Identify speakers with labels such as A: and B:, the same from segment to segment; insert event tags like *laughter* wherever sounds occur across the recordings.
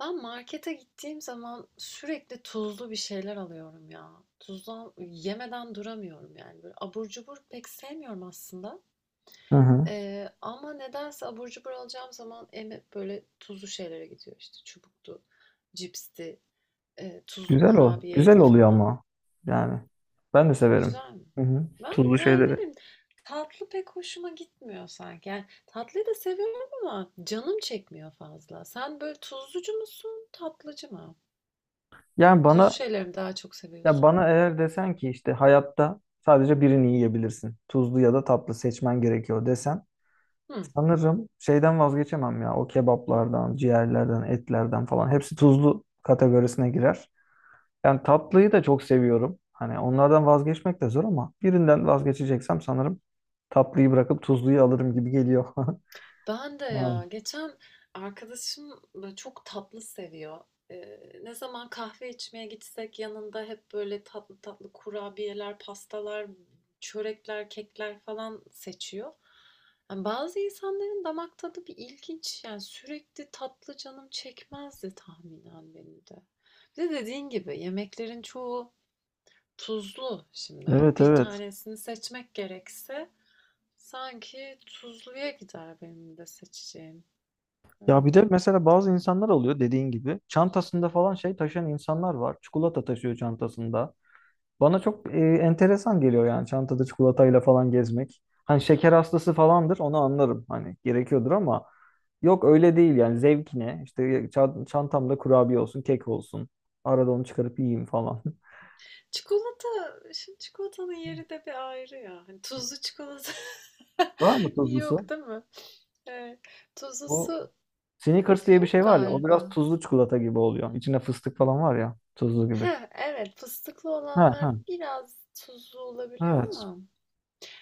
A: Ben markete gittiğim zaman sürekli tuzlu bir şeyler alıyorum ya. Tuzlu yemeden duramıyorum yani. Böyle abur cubur pek sevmiyorum aslında.
B: Hı hı.
A: Ama nedense abur cubur alacağım zaman böyle tuzlu şeylere gidiyor işte. Çubuktu, cipsti, tuzlu
B: Güzel ol. Güzel
A: kurabiyeydi
B: oluyor
A: falan.
B: ama. Yani ben de severim.
A: Güzel mi?
B: Hı hı. Tuzlu
A: Ben yani ne
B: şeyleri.
A: bileyim, tatlı pek hoşuma gitmiyor sanki. Yani tatlıyı da seviyorum ama canım çekmiyor fazla. Sen böyle tuzlucu musun, tatlıcı mı?
B: Yani
A: Tuzlu
B: bana
A: şeyleri mi daha çok
B: ya
A: seviyorsun?
B: bana eğer desen ki işte hayatta sadece birini yiyebilirsin. Tuzlu ya da tatlı seçmen gerekiyor desen
A: Hı.
B: sanırım şeyden vazgeçemem ya. O kebaplardan, ciğerlerden, etlerden falan hepsi tuzlu kategorisine girer. Yani tatlıyı da çok seviyorum. Hani onlardan vazgeçmek de zor ama birinden vazgeçeceksem sanırım tatlıyı bırakıp tuzluyu alırım gibi geliyor. *laughs*
A: Ben de
B: Yani
A: ya geçen arkadaşım böyle çok tatlı seviyor. Ne zaman kahve içmeye gitsek yanında hep böyle tatlı tatlı kurabiyeler, pastalar, çörekler, kekler falan seçiyor. Yani bazı insanların damak tadı bir ilginç. Yani sürekli tatlı canım çekmezdi tahminen benim de. Bir de dediğin gibi yemeklerin çoğu tuzlu şimdi. Hani
B: evet
A: bir
B: evet.
A: tanesini seçmek gerekse. Sanki tuzluya gider benim de seçeceğim.
B: Ya
A: Öyle
B: bir de
A: geliyor bana
B: mesela
A: da.
B: bazı insanlar oluyor dediğin gibi. Çantasında falan şey taşıyan insanlar var. Çikolata taşıyor çantasında. Bana çok enteresan geliyor yani çantada çikolatayla falan gezmek. Hani şeker hastası falandır onu anlarım. Hani gerekiyordur ama yok öyle değil yani zevkine. İşte çantamda kurabiye olsun, kek olsun. Arada onu çıkarıp yiyeyim falan. *laughs*
A: Çikolata, şimdi çikolatanın yeri de bir ayrı ya. Hani tuzlu çikolata *laughs*
B: Var mı
A: yok
B: tuzlusu?
A: değil mi? Evet.
B: Bu
A: Tuzlusu
B: Snickers diye bir
A: yok
B: şey var ya o biraz
A: galiba.
B: tuzlu çikolata gibi oluyor. İçinde fıstık falan var ya tuzlu gibi.
A: Ha, evet, fıstıklı
B: Ha
A: olanlar
B: ha.
A: biraz tuzlu olabiliyor
B: Evet.
A: ama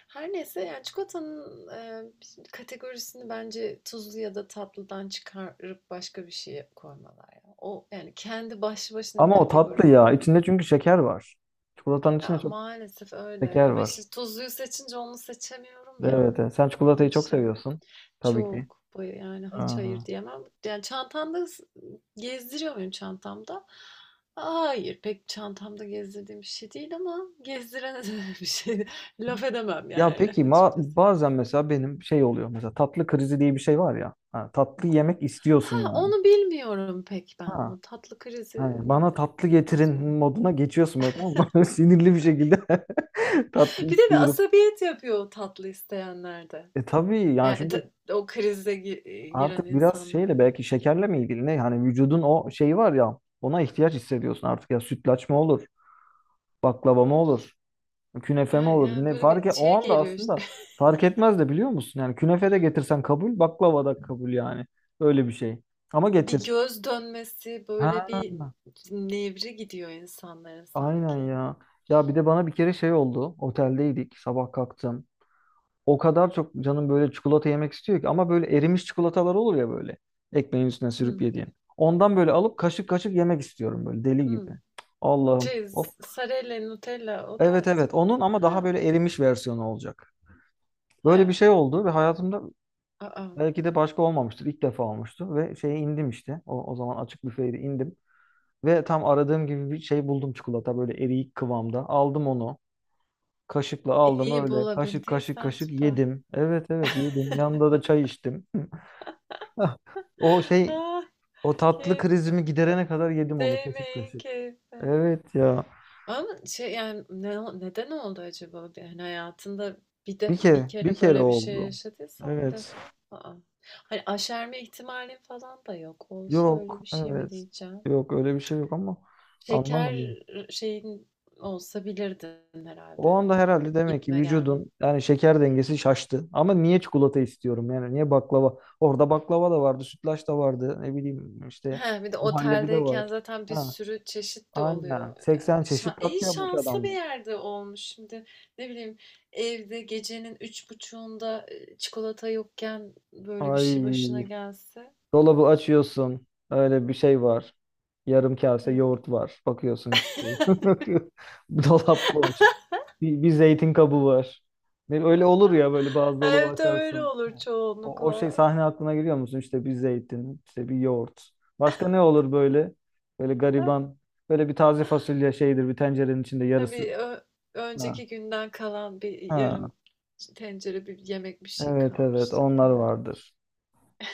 A: her neyse, yani çikolatanın kategorisini bence tuzlu ya da tatlıdan çıkarıp başka bir şeye koymalar ya. O yani kendi başlı başına bir
B: Ama o
A: kategori
B: tatlı ya.
A: olan.
B: İçinde çünkü şeker var. Çikolatanın içinde
A: Ya,
B: çok
A: maalesef öyle
B: şeker
A: ama işte
B: var.
A: tuzluyu seçince onu seçemiyorum ya.
B: Evet, evet. Sen
A: Onun
B: çikolatayı çok
A: için
B: seviyorsun. Tabii ki.
A: çok baya, yani hiç
B: Aa.
A: hayır diyemem. Yani çantamda gezdiriyor muyum çantamda? Hayır, pek çantamda gezdirdiğim bir şey değil ama gezdirene de *laughs* bir şey laf edemem
B: Ya
A: yani
B: peki ma
A: açıkçası.
B: bazen mesela benim şey oluyor. Mesela tatlı krizi diye bir şey var ya. Ha, tatlı yemek istiyorsun
A: Ha,
B: yani.
A: onu bilmiyorum pek ben.
B: Ha.
A: O tatlı krizini
B: Hani bana tatlı getirin
A: nasıl onu?
B: moduna geçiyorsun böyle tamam mı? *laughs* Sinirli bir şekilde *laughs* tatlı
A: *laughs* Bir de bir
B: istiyorum.
A: asabiyet yapıyor o tatlı isteyenlerde.
B: E tabii yani
A: Yani
B: çünkü
A: ta o krize giren
B: artık biraz
A: insanlar.
B: şeyle belki şekerle mi ilgili ne? Hani vücudun o şeyi var ya ona ihtiyaç hissediyorsun artık ya sütlaç mı olur? Baklava mı olur? Künefe mi
A: Ha,
B: olur?
A: yani
B: Ne
A: böyle
B: fark
A: bir
B: et, o
A: şey
B: anda
A: geliyor işte.
B: aslında
A: *laughs*
B: fark etmez de biliyor musun? Yani künefe de getirsen kabul, baklava da kabul yani. Öyle bir şey. Ama
A: Bir
B: getir.
A: göz dönmesi, böyle
B: Ha,
A: bir nevri gidiyor insanların
B: aynen
A: sanki.
B: ya. Ya bir de bana bir kere şey oldu. Oteldeydik. Sabah kalktım. O kadar çok canım böyle çikolata yemek istiyor ki ama böyle erimiş çikolatalar olur ya böyle. Ekmeğin üstüne sürüp
A: Hı,
B: yediğin. Ondan böyle alıp kaşık kaşık yemek istiyorum böyle deli
A: hı.
B: gibi. Allah'ım.
A: Şey, Sarella, Nutella o
B: Evet
A: tarz
B: evet
A: mı?
B: onun ama daha
A: Ha,
B: böyle erimiş versiyonu olacak. Böyle bir
A: ha.
B: şey oldu ve hayatımda
A: Aa,
B: belki de başka olmamıştır. İlk defa olmuştu ve şeye indim işte. O zaman açık büfeydi indim. Ve tam aradığım gibi bir şey buldum çikolata böyle eriyik kıvamda. Aldım onu. Kaşıkla aldım
A: iyi
B: öyle. Kaşık kaşık
A: bulabildiysen
B: kaşık
A: süper. *gasps*
B: yedim. Evet evet yedim. Yanında da çay içtim. *laughs* O
A: *laughs*
B: şey
A: Ah,
B: o tatlı
A: keyif,
B: krizimi giderene kadar yedim onu kaşık
A: değmeyin
B: kaşık.
A: keyif.
B: Evet ya.
A: Ama şey, yani, ne neden oldu acaba? Bir, hani hayatında
B: Bir
A: bir
B: kere bir
A: kere
B: kere
A: böyle bir şey
B: oldu.
A: yaşadıysan bir
B: Evet.
A: defa, a hani aşerme ihtimalin falan da yok. Olsa
B: Yok
A: öyle bir şey mi
B: evet.
A: diyeceğim?
B: Yok öyle bir şey yok ama anlamadım.
A: Şeker şeyin olsa bilirdin
B: O
A: herhalde.
B: anda
A: Hani
B: herhalde
A: böyle bir
B: demek ki
A: gitme gelme.
B: vücudun yani şeker dengesi şaştı. Ama niye çikolata istiyorum yani niye baklava? Orada baklava da vardı, sütlaç da vardı. Ne bileyim işte
A: He, bir de
B: muhallebi de
A: oteldeyken
B: var.
A: zaten bir
B: Ha,
A: sürü çeşit de
B: aynen.
A: oluyor.
B: 80
A: Yani
B: çeşit tat
A: iyi,
B: yapmış
A: şanslı bir
B: adamlar.
A: yerde olmuş. Şimdi ne bileyim, evde gecenin 03.30'da çikolata yokken böyle bir şey başına
B: Ay,
A: gelse.
B: dolabı açıyorsun. Öyle bir şey var. Yarım kase
A: He.
B: yoğurt var. Bakıyorsun hiçbir şey
A: *laughs*
B: yok. *laughs* Dolap boş. Bir zeytin kabı var. Öyle olur ya böyle bazı dolabı
A: Evde öyle
B: açarsın.
A: olur
B: O şey
A: çoğunlukla.
B: sahne aklına geliyor musun? İşte bir zeytin, işte bir yoğurt. Başka ne olur böyle? Böyle gariban. Böyle bir taze fasulye şeydir bir tencerenin içinde
A: Ha,
B: yarısı.
A: bir
B: Ha.
A: önceki günden kalan bir
B: Ha.
A: yarım tencere bir yemek bir şey
B: Evet evet
A: kalmıştır
B: onlar
A: filan.
B: vardır.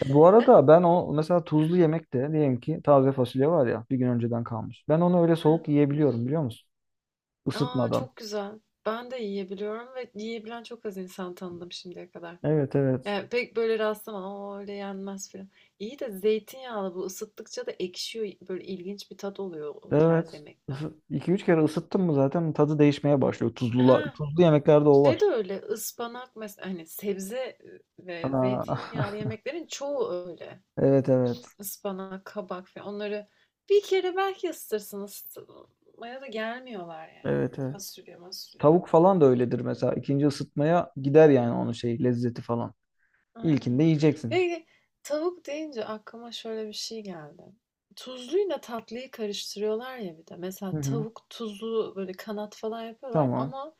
B: Bu arada ben o mesela tuzlu yemekte diyelim ki taze fasulye var ya bir gün önceden kalmış. Ben onu öyle soğuk yiyebiliyorum biliyor musun?
A: A,
B: Isıtmadan.
A: çok güzel. Ben de yiyebiliyorum ve yiyebilen çok az insan tanıdım şimdiye kadar.
B: Evet evet.
A: Yani pek böyle rastlamadım. "Aa, öyle yenmez" filan. İyi de zeytinyağlı bu ısıttıkça da ekşiyor. Böyle ilginç bir tat oluyor o tarz
B: Evet.
A: yemekler.
B: 2 3 kere ısıttın mı zaten tadı değişmeye başlıyor. Tuzlu,
A: Ha,
B: tuzlu yemeklerde o
A: şey de
B: var.
A: öyle, ıspanak mesela hani sebze ve
B: Aa,
A: zeytinyağlı
B: *laughs*
A: yemeklerin çoğu öyle.
B: evet evet.
A: Ispanak, kabak falan, onları bir kere belki ısıtırsın, ısıtmaya da gelmiyorlar yani.
B: Evet
A: Böyle
B: evet.
A: fasulye, masulye.
B: Tavuk falan da öyledir mesela. İkinci ısıtmaya gider yani onun şey lezzeti falan. İlkinde
A: Aynen.
B: yiyeceksin.
A: Peki, tavuk deyince aklıma şöyle bir şey geldi. Tuzluyla tatlıyı karıştırıyorlar ya bir de.
B: Hı
A: Mesela
B: hı.
A: tavuk tuzlu, böyle kanat falan yapıyorlar
B: Tamam.
A: ama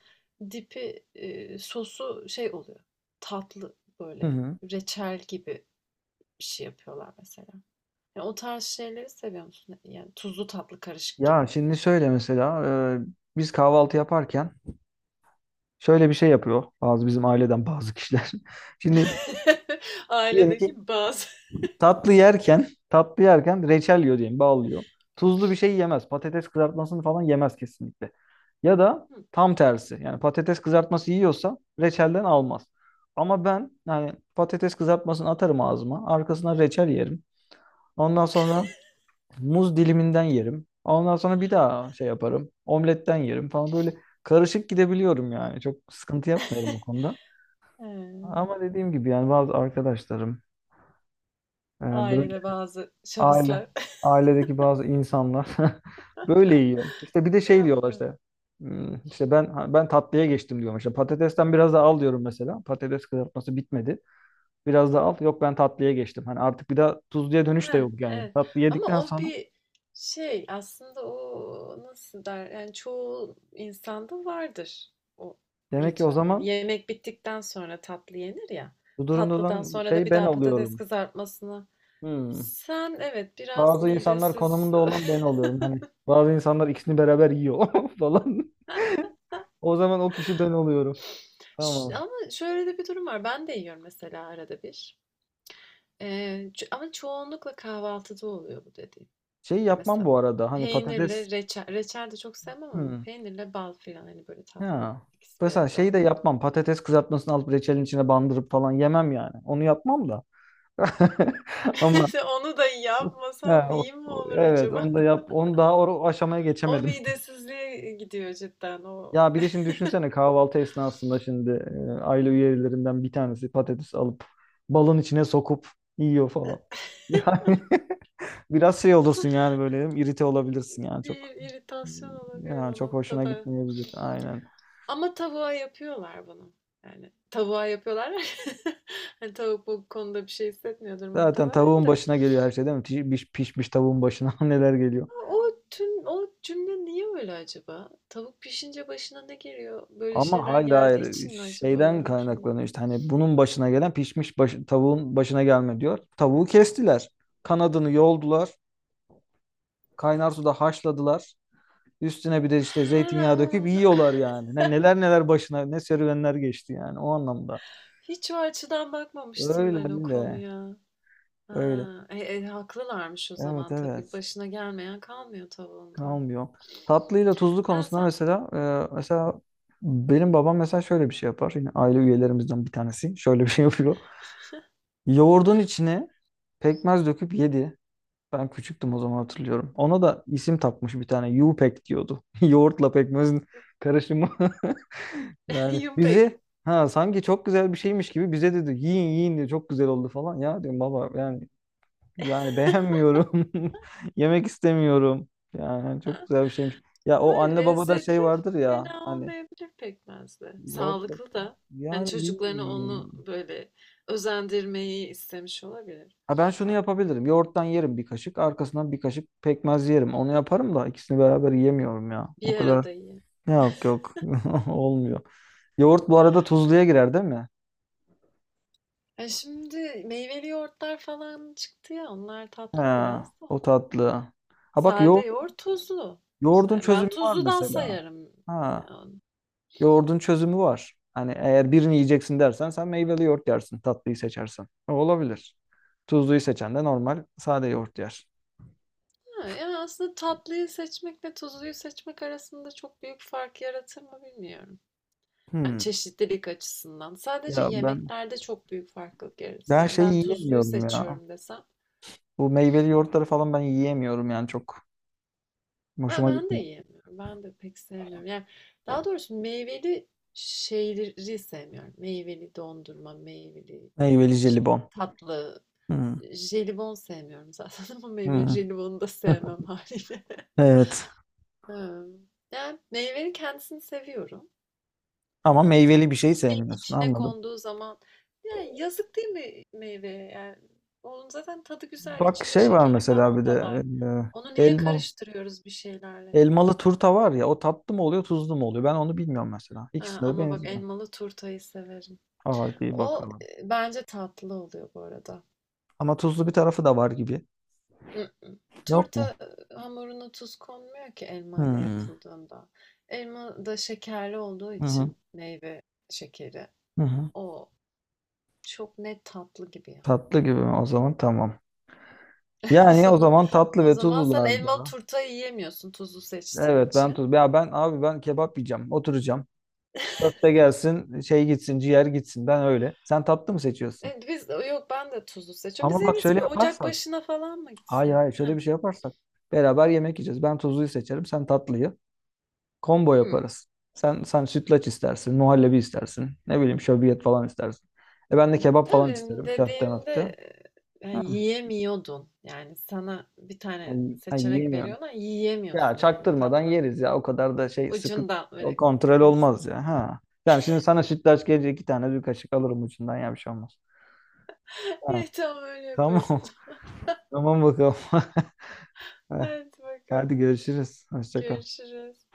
A: dipi, sosu şey oluyor. Tatlı
B: Hı
A: böyle
B: hı.
A: reçel gibi bir şey yapıyorlar mesela. Yani o tarz şeyleri seviyor musun? Yani tuzlu tatlı karışık
B: Ya
A: gibi.
B: şimdi şöyle mesela e, biz kahvaltı yaparken şöyle bir şey yapıyor bazı bizim aileden bazı kişiler. *laughs* Şimdi
A: *laughs*
B: diyelim ki
A: Ailedeki bazı.
B: tatlı yerken reçel yiyor diyelim, bağlıyor. Tuzlu bir şey yemez. Patates kızartmasını falan yemez kesinlikle. Ya da
A: Hı.
B: tam tersi. Yani patates kızartması yiyorsa reçelden almaz. Ama ben yani patates kızartmasını atarım ağzıma. Arkasına reçel yerim. Ondan sonra
A: *laughs*
B: muz diliminden yerim. Ondan sonra bir daha şey yaparım. Omletten yerim falan böyle karışık gidebiliyorum yani. Çok sıkıntı yapmıyorum o konuda.
A: Eee,
B: Ama dediğim gibi yani bazı arkadaşlarım e, böyle
A: Ailede bazı
B: Aile,
A: şahıslar. *laughs*
B: ailedeki bazı insanlar *laughs* böyle yiyor. İşte bir de şey
A: Ya,
B: diyorlar
A: evet.
B: işte. "Hmm, işte ben tatlıya geçtim diyorum. İşte patatesten biraz daha al diyorum mesela. Patates kızartması bitmedi. Biraz daha al. Yok ben tatlıya geçtim. Hani artık bir daha tuzluya dönüş de
A: Heh,
B: yok yani.
A: evet.
B: Tatlı yedikten
A: Ama o
B: sonra
A: bir şey aslında, o nasıl der, yani çoğu insanda vardır o
B: demek ki o
A: ritüel. Hani
B: zaman
A: yemek bittikten sonra tatlı yenir ya.
B: bu durumda
A: Tatlıdan
B: olan
A: sonra da
B: şey
A: bir
B: ben
A: daha patates
B: oluyorum.
A: kızartmasını.
B: Hmm.
A: Sen evet biraz
B: Bazı insanlar
A: midesiz.
B: konumunda olan ben oluyorum. Hani bazı insanlar ikisini beraber yiyor *laughs* falan. *laughs* O zaman o kişi ben oluyorum.
A: *laughs*
B: Tamam.
A: Ama şöyle de bir durum var. Ben de yiyorum mesela arada bir. Ee, Ama çoğunlukla kahvaltıda oluyor bu dediğim.
B: Şey
A: Ya
B: yapmam
A: mesela
B: bu arada. Hani patates
A: peynirle reçel, reçel de çok sevmem ama
B: Hmm.
A: peynirle bal filan, hani böyle tatlı,
B: Ha.
A: ikisi bir
B: Mesela
A: arada
B: şeyi de
A: onların.
B: yapmam. Patates kızartmasını alıp reçelin içine bandırıp falan yemem yani. Onu yapmam da. *laughs* Ama
A: *laughs* Onu da
B: ha,
A: yapmasan iyi mi olur
B: evet
A: acaba?
B: onu da
A: *laughs*
B: yap. Onu daha o aşamaya
A: O
B: geçemedim.
A: midesizliğe gidiyor cidden. O
B: Ya bir de şimdi düşünsene kahvaltı esnasında şimdi aile üyelerinden bir tanesi patates alıp balın içine sokup yiyor falan. *laughs* Yani biraz şey olursun yani böyle irite olabilirsin yani
A: bir
B: çok.
A: iritasyon olabilir
B: Ya
A: o
B: çok hoşuna
A: noktada.
B: gitmeyebilir. Aynen
A: Ama tavuğa yapıyorlar bunu. Yani tavuğa yapıyorlar. *laughs* Hani tavuk bu konuda bir şey hissetmiyordur
B: zaten
A: muhtemelen
B: tavuğun
A: de.
B: başına geliyor her şey değil mi? Pişmiş tavuğun başına *laughs* neler geliyor.
A: A, o tüm o cümle niye öyle acaba? Tavuk pişince başına ne geliyor? Böyle
B: Ama
A: şeyler
B: hayır
A: geldiği
B: hayır
A: için mi acaba
B: şeyden
A: o cümle?
B: kaynaklanıyor işte hani bunun başına gelen pişmiş tavuğun başına gelme diyor. Tavuğu kestiler. Kanadını yoldular. Kaynar suda haşladılar. Üstüne bir de işte
A: He,
B: zeytinyağı döküp
A: onu
B: yiyorlar yani. Neler neler başına ne serüvenler geçti yani o anlamda.
A: hiç o açıdan
B: Öyle
A: bakmamıştım
B: öyle
A: ben o konuya.
B: öyle.
A: Ha, haklılarmış o
B: Evet
A: zaman tabii.
B: evet.
A: Başına gelmeyen kalmıyor tavuğunda.
B: Kalmıyor. Tatlıyla tuzlu
A: Ha,
B: konusunda
A: sen
B: mesela e, mesela benim babam mesela şöyle bir şey yapar. Yine aile üyelerimizden bir tanesi *laughs* şöyle bir şey yapıyor. Yoğurdun içine pekmez döküp yedi. Ben küçüktüm o zaman hatırlıyorum. Ona da isim takmış bir tane. Yupek diyordu. *laughs* Yoğurtla pekmezin karışımı. *laughs*
A: *laughs*
B: Yani
A: yumpek.
B: bizi ha sanki çok güzel bir şeymiş gibi bize dedi yiyin yiyin diye çok güzel oldu falan. Ya diyorum baba yani beğenmiyorum. *laughs* Yemek istemiyorum. Yani çok güzel bir şeymiş. Ya
A: Ha,
B: o anne babada şey
A: lezzetli
B: vardır ya
A: fena
B: hani
A: olmayabilir pekmez de.
B: yoğurt,
A: Sağlıklı da. Hani
B: yani
A: çocuklarını onu
B: bilmiyorum.
A: böyle özendirmeyi istemiş olabilir.
B: Ha ben şunu yapabilirim. Yoğurttan yerim bir kaşık. Arkasından bir kaşık pekmez yerim. Onu yaparım da ikisini beraber yiyemiyorum ya. O
A: Bir
B: kadar
A: arada yiyin.
B: yok yok. *laughs* Olmuyor. Yoğurt bu arada tuzluya girer değil mi?
A: E, şimdi meyveli yoğurtlar falan çıktı ya, onlar tatlı
B: Ha,
A: biraz da.
B: o tatlı. Ha bak
A: Sade yoğurt tuzlu.
B: yoğurdun
A: Ben
B: çözümü var
A: tuzludan
B: mesela.
A: sayarım.
B: Ha.
A: Yani,
B: Yoğurdun çözümü var. Hani eğer birini yiyeceksin dersen sen meyveli yoğurt yersin, tatlıyı seçersen. O olabilir. Tuzluyu seçen de normal sade yoğurt yer.
A: ha, yani aslında tatlıyı seçmekle tuzluyu seçmek arasında çok büyük fark yaratır mı bilmiyorum. Yani
B: Hmm.
A: çeşitlilik açısından. Sadece
B: Ya ben
A: yemeklerde çok büyük farklılık yaratır.
B: ben
A: Yani
B: şey
A: ben tuzluyu
B: yiyemiyorum ya.
A: seçiyorum desem.
B: Bu meyveli yoğurtları falan ben yiyemiyorum yani çok
A: Ya
B: hoşuma
A: ben de
B: gitmiyor.
A: yiyemiyorum. Ben de pek sevmiyorum. Yani daha doğrusu meyveli şeyleri sevmiyorum. Meyveli dondurma, meyveli
B: Meyveli
A: işte
B: jelibon.
A: tatlı,
B: Hmm.
A: jelibon sevmiyorum zaten *laughs* ama meyveli
B: Hmm.
A: jelibonu da sevmem
B: *laughs*
A: haliyle. *laughs*
B: Evet.
A: Ha, yani meyvenin kendisini seviyorum
B: Ama
A: ama
B: meyveli bir şey
A: bir şeyin
B: sevmiyorsun
A: içine
B: anladım.
A: konduğu zaman, yani yazık değil mi meyveye? Yani onun zaten tadı güzel,
B: Bak
A: içinde
B: şey var
A: şekeri
B: mesela
A: falan
B: bir
A: da
B: de
A: var. Onu
B: e,
A: niye
B: elmalı
A: karıştırıyoruz bir şeylerle?
B: elmalı turta var ya o tatlı mı oluyor tuzlu mu oluyor ben onu bilmiyorum mesela.
A: He,
B: İkisinde de
A: ama bak,
B: benziyor.
A: elmalı turtayı severim.
B: Hadi
A: O,
B: bakalım.
A: bence tatlı oluyor bu arada.
B: Ama tuzlu bir tarafı da var gibi.
A: Mm-mm.
B: Yok mu?
A: Turta hamuruna tuz konmuyor ki elma ile
B: Hmm.
A: yapıldığında. Elma da şekerli olduğu
B: Hı hı.
A: için meyve şekeri.
B: Hı hı.
A: O çok net tatlı gibi ya.
B: Tatlı gibi mi? O zaman tamam.
A: *laughs* O
B: Yani o
A: zaman,
B: zaman tatlı
A: o
B: ve
A: zaman sen elmalı
B: tuzlularda.
A: turtayı yiyemiyorsun tuzlu seçtiğin
B: Evet ben
A: için.
B: tuz. Ya ben abi ben kebap yiyeceğim. Oturacağım. Köfte gelsin, şey gitsin, ciğer gitsin. Ben öyle. Sen tatlı mı seçiyorsun?
A: E, biz yok ben de tuzlu seçiyorum. Biz
B: Ama
A: en
B: bak
A: iyisi
B: şöyle
A: bir ocak
B: yaparsak.
A: başına falan mı
B: Hayır
A: gitsek?
B: hayır
A: Heh.
B: şöyle bir şey yaparsak. Beraber yemek yiyeceğiz. Ben tuzluyu seçerim, sen tatlıyı. Combo
A: Hı.
B: yaparız. Sen sütlaç istersin, muhallebi istersin. Ne bileyim şöbiyet falan istersin. E ben de kebap falan
A: Tabii,
B: isterim köfte möfte.
A: dediğinde, ya,
B: Ha,
A: yiyemiyordun. Yani, sana bir tane
B: ay
A: seçenek
B: yiyemiyorum.
A: veriyorlar,
B: Ya
A: yiyemiyorsun yani
B: çaktırmadan
A: tatlıdan.
B: yeriz ya. O kadar da şey sıkı
A: Ucundan
B: o
A: böyle
B: kontrol olmaz
A: kıysın.
B: ya. Ha. Yani şimdi sana sütlaç gelecek iki tane bir kaşık alırım ucundan ya bir şey olmaz.
A: *laughs*
B: Ha,
A: Evet, tamam öyle
B: tamam.
A: yaparız o
B: *laughs*
A: zaman.
B: Tamam bakalım. *laughs*
A: *laughs* Haydi bakalım.
B: Hadi görüşürüz. Hoşça kal.
A: Görüşürüz.